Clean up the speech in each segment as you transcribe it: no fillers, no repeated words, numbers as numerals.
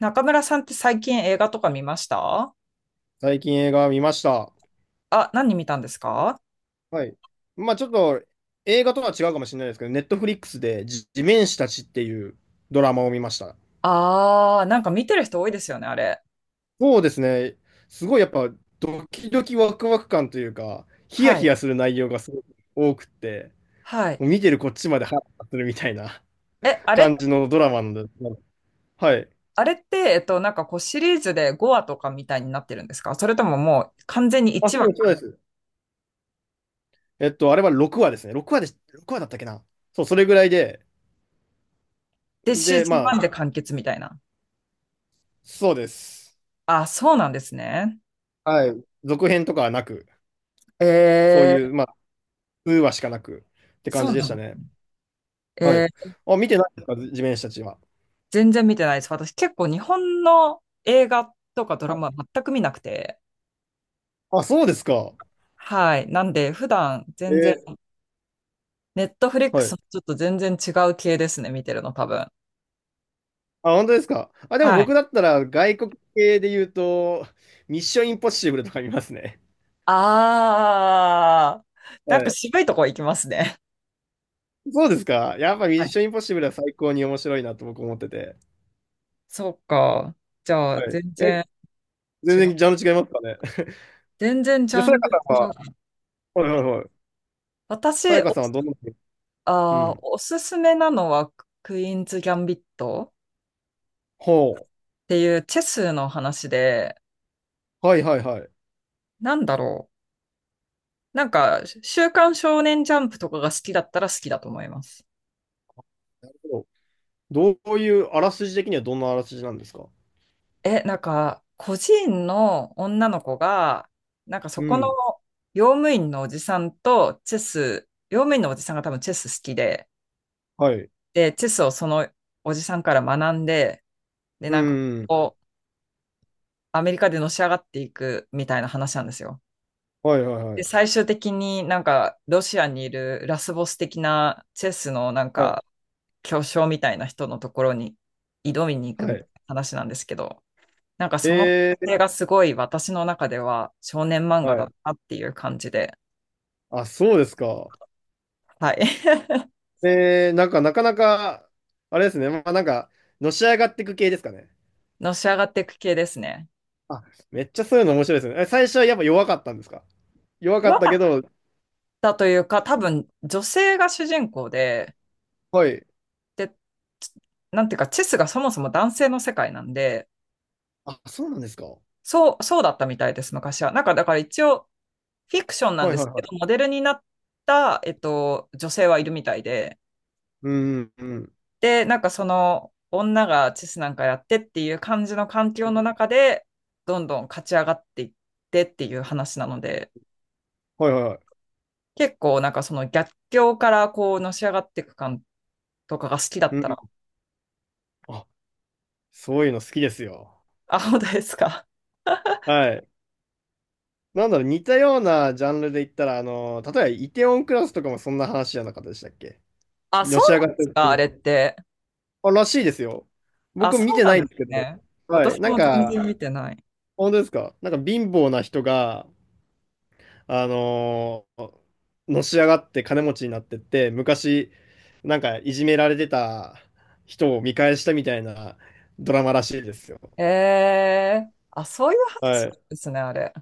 中村さんって最近映画とか見ました？最近映画見ました。あ、何見たんですか？はい。まあちょっと映画とは違うかもしれないですけど、ネットフリックスで地面師たちっていうドラマを見ました。なんか見てる人多いですよね、あれ。そうですね。すごいやっぱドキドキワクワク感というか、ヒヤはヒい。ヤする内容がすごく多くって、はい。もう見てるこっちまでハラハラするみたいな え、あれ、感じのドラマなんで。はい。あれって、なんかこうシリーズで5話とかみたいになってるんですか？それとももう完全にあ、1そ話うです、そうです。あれは6話ですね。6話で、6話だったっけな。そう、それぐらいで。でシーで、ズンまあ、ワンで完結みたいな。そうです。あ、そうなんですね。はい。続編とかはなく、えそういー、う、まあウーはしかなくって感そじうでなしたの。ね。はえい。ー、あ、見てないですか、地面師たちは。全然見てないです。私結構日本の映画とかドはラい。マ全く見なくて。あ、そうですか。はい。なんで普段え全然ーネットフリックはスい。ちょっと全然違う系ですね、見てるの、多分。あ、本当ですか。あ、でもは僕い。だったら外国系で言うと、ミッションインポッシブルとか見ますね。あー、はなんかい。渋いとこ行きますね。そうですか。やっぱミはッい。ションインポッシブルは最高に面白いなと僕思ってて。そうか。じゃあ、はい。全え、然全違う。然ジャンル違いますかね。全然ジじゃあ、ャさやンかルさ違んは、う。はいはいはい。さ私、やかお、さんはどんな、うあー、ん。おすすめなのは、クイーンズ・ギャンビットほっていうチェスの話で、う。はいはいはい。なんだろう。なんか、週刊少年ジャンプとかが好きだったら好きだと思います。なるほど。どういう、あらすじ的にはどんなあらすじなんですか？え、なんか、個人の女の子が、なんかそうこのん。用務員のおじさんとチェス、用務員のおじさんが多分チェス好きで、はい。で、チェスをそのおじさんから学んで、で、うなんかん。こう、アメリカでのし上がっていくみたいな話なんですよ。はいはいはで、い。最終的になんかロシアにいるラスボス的なチェスのなんはい。か巨匠みたいな人のところに挑みに行はくみたい。いな話なんですけど、なんかその過え程がすごい私の中では少年漫画はだい。ったっていう感じで、あ、そうですか。はい。なんか、なかなか、あれですね。まあ、なんか、のし上がっていく系ですかね。のし上がっていく系ですね。あ、めっちゃそういうの面白いですね。え、最初はやっぱ弱かったんですか？弱違かっ和たけ感ど、だというか、多分女性が主人公で、はい。で、なんていうか、チェスがそもそも男性の世界なんで、あ、そうなんですか。はそう、そうだったみたいです、昔は。なんかだから一応、フィクションいなんはいですけはど、モい。デルになった、女性はいるみたいで、うんうんで、なんかその女がチェスなんかやってっていう感じの環う境のん。中で、どんどん勝ち上がっていってっていう話なので、はいはいはい。結構なんかその逆境からこうのし上がっていく感とかが好きだっうたら、ん。あ、そういうの好きですよ。あ、本当ですか？はい。なんだろう、似たようなジャンルで言ったら、あの、例えば、イテウォンクラスとかもそんな話じゃなかったでしたっけ？あ、そのうなし上んがでってする系か、あでれっす。て？あ、らしいですよ。あ、僕そ見うてななんいでんすですけど。ね。はい。私なんも全然か、見てない。本当ですか？なんか貧乏な人が、あのーのし上がって金持ちになってって、昔、なんかいじめられてた人を見返したみたいなドラマらしいですよ。えー、あ、そういうは話ない。んですね、あれ。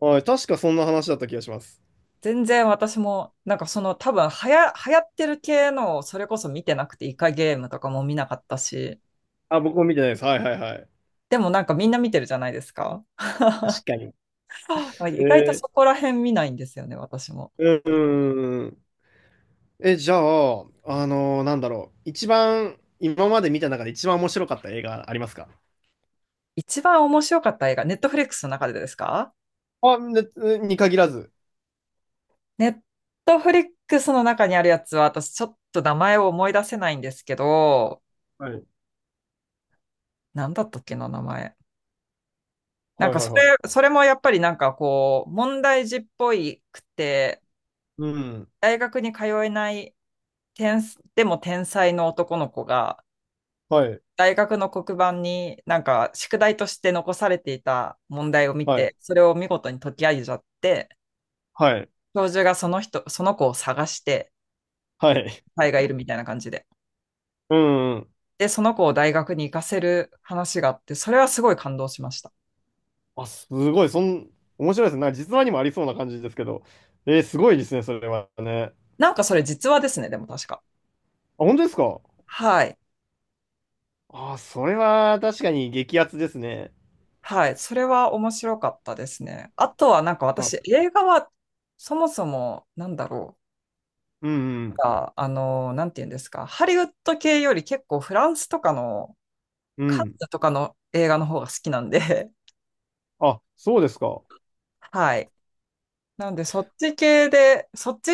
はい。確かそんな話だった気がします。全然私も、なんかその多分流行ってる系の、それこそ見てなくてイカゲームとかも見なかったし、あ、僕も見てないです。はいはいはい。でもなんかみんな見てるじゃないですか。確かに。あ、意外とえそこら辺見ないんですよね、私も。うん。うん。え、じゃあ、なんだろう。一番、今まで見た中で一番面白かった映画ありますか？一番面白かった映画、ネットフリックスの中でですか？あ、ね、に限らず。ネットフリックスの中にあるやつは、私ちょっと名前を思い出せないんですけど、はい。なんだったっけな、名前。なんはいかはいそはい。れ、それもやっぱりなんかこう、問題児っぽいくて、うん。大学に通えないでも天才の男の子が、はい。大学の黒板になんか宿題として残されていた問題を見はい。て、それを見事に解き上げちゃって、はい。教授がその人、その子を探して、はい。才がいるみたいな感じで。うんうん。で、その子を大学に行かせる話があって、それはすごい感動しました。あ、すごい。面白いですね。なんか実話にもありそうな感じですけど。すごいですね、それはね。なんかそれ実話ですね、でも確か。あ、本当ですか？はい。あ、それは確かに激アツですね。はい。それは面白かったですね。あとはなんか私、あ、映画はそもそもなんだろう。うんうんか、あの、なんて言うんですか、ハリウッド系より結構フランスとかの、うカンん。ヌとかの映画の方が好きなんで、あ、そうですか。はい。なんで、そっち系で、そっち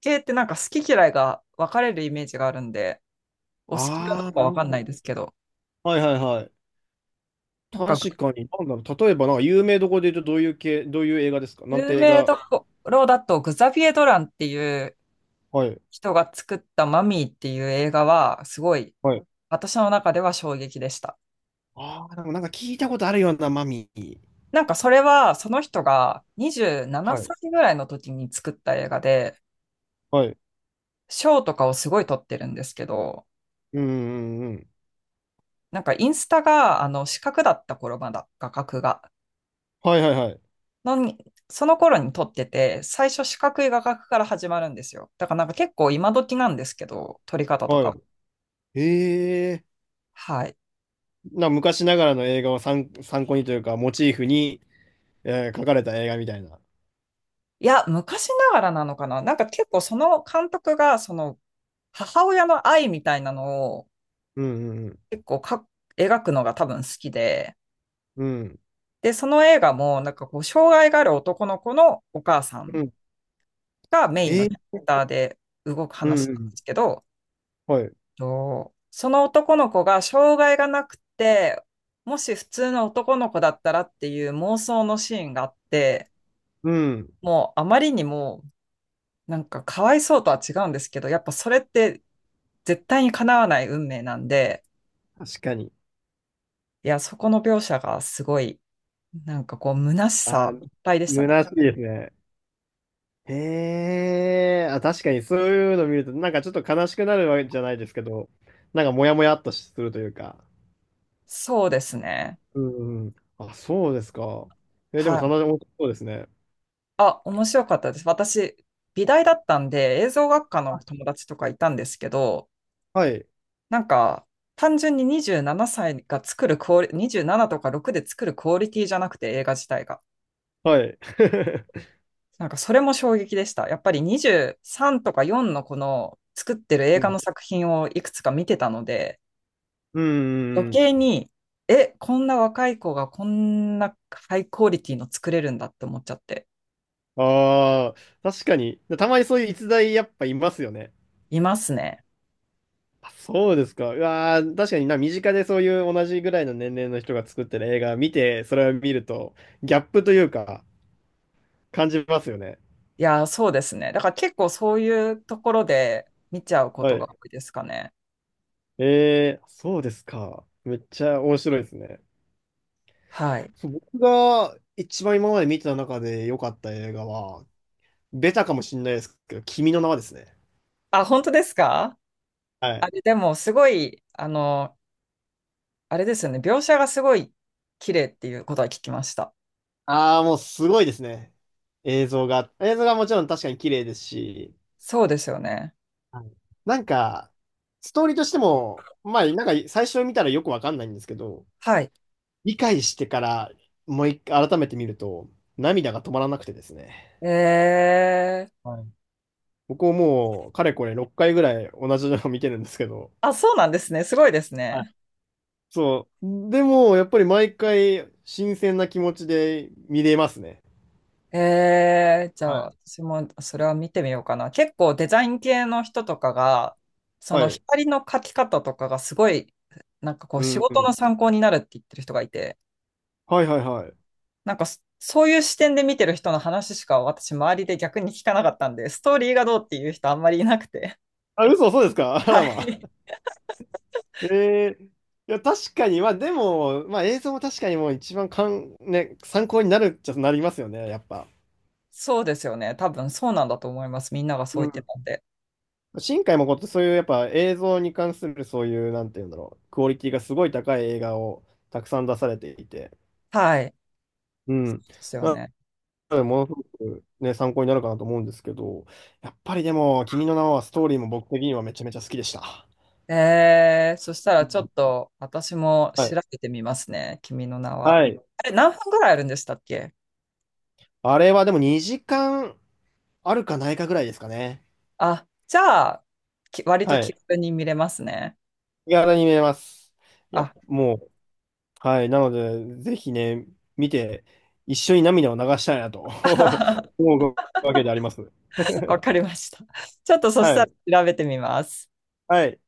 系ってなんか好き嫌いが分かれるイメージがあるんで、お好きかどあうあ、かな分るかほんなど。いですけど、はいはいはい。なんか、確かに、なんだろう。例えば、なんか有名どころで言うと、どういう系、どういう映画ですか？なん有て映名画。どころだと、グザビエ・ドランっていうはい。人が作ったマミーっていう映画は、すごい、はい。私の中では衝撃でした。ああ、でもなんか聞いたことあるようなマミー。なんかそれはその人が27はい。歳ぐらいの時に作った映画で、はい。賞とかをすごい取ってるんですけど、うんうんうん。なんかインスタが、四角だった頃まだ、画角が。はいはいはい。のに、その頃に撮ってて、最初四角い画角から始まるんですよ。だからなんか結構今時なんですけど、撮り方とはか。い。へえ。はい。昔ながらの映画を参考にというか、モチーフに、描かれた映画みたいな。いや、昔ながらなのかな？なんか結構その監督が、その母親の愛みたいなのをうんうん結構描くのが多分好きで、うん。うん。で、その映画もなんかこう、障害がある男の子のお母さんうん。がメインへのえ。キャラクターで動くうん話うなんん。ですけど、はい。とその男の子が障害がなくて、もし普通の男の子だったらっていう妄想のシーンがあって、うん。もうあまりにもなんかかわいそうとは違うんですけど、やっぱそれって絶対に叶わない運命なんで、確かに。いや、そこの描写がすごい、なんかこう、虚しあさいー、っぱいでしたね。虚しいですね。へえ。あ、確かにそういうの見ると、なんかちょっと悲しくなるわけじゃないですけど、なんかモヤモヤっとするというか。そうですね。うんうん。あ、そうですか。え、ではもい。棚田面白そうですね。あ、面白かったです。私、美大だったんで、映像学科の友達とかいたんですけど、はい。なんか、単純に27歳が作るクオリ、27とか6で作るクオリティじゃなくて映画自体が。はい。なんか、それも衝撃でした。やっぱり23とか4のこの作ってる映う画のん。作品をいくつか見てたので、うんう余んう計ん。に、え、こんな若い子がこんなハイクオリティの作れるんだって思っちゃって、ああ、確かに。たまにそういう逸材やっぱいますよね。いますね。あ、そうですか。うわー、確かにな、身近でそういう同じぐらいの年齢の人が作ってる映画見て、それを見ると、ギャップというか、感じますよね。いやー、そうですね。だから結構そういうところで見ちゃうこはとがい。多いですかね。そうですか。めっちゃ面白いですね。はい。そう僕が一番今まで見てた中で良かった映画は、ベタかもしれないですけど、君の名はですね。あ、本当ですか？はあい。れ、でもすごい、あれですよね。描写がすごい綺麗っていうことは聞きました。ああ、もうすごいですね。映像が。映像がもちろん確かに綺麗ですし、そうですよね。はい。なんか、ストーリーとしても、まあ、なんか最初見たらよくわかんないんですけど、はい。理解してからもう一回改めて見ると、涙が止まらなくてですね。えー、はい。僕ももう、かれこれ6回ぐらい同じのを見てるんですけど、あ、そうなんですね。すごいですはい。ね。そう。でも、やっぱり毎回新鮮な気持ちで見れますね。えー、じゃはあい私もそれは見てみようかな。結構デザイン系の人とかが、そはのい。光の描き方とかがすごい、なんかこうう仕んう事のん。参考になるって言ってる人がいて、はいはいはい。なんかそういう視点で見てる人の話しか私、周りで逆に聞かなかったんで、ストーリーがどうっていう人あんまりいなくて。あ、嘘、そうですか？ あはらま。い。えーいや、確かに、まあでも、まあ映像も確かにもう一番ね、参考になるっちゃなりますよね、やっぱ。そうですよね。多分そうなんだと思います。みんながそうう言ってん。たんで。新海誠ってそういうやっぱ映像に関するそういう、なんて言うんだろう、クオリティがすごい高い映画をたくさん出されていて、はい。でうん。すよなね。ので、ものすごくね、参考になるかなと思うんですけど、やっぱりでも、君の名はストーリーも僕的にはめちゃめちゃ好きでした。えー、そしたうらちょっん。と私もは調い。べてみますね。君の名は。はい。あれ、何分ぐらいあるんでしたっけ？あれはでも2時間あるかないかぐらいですかね。あ、じゃあ、割とは気い。軽に見れますね。気軽に見れます。いや、あ、もう、はい。なので、ぜひね、見て、一緒に涙を流したいなと 思うわけであります。わ かりました。ちょっとそしはたい。ら調べてみます。はい。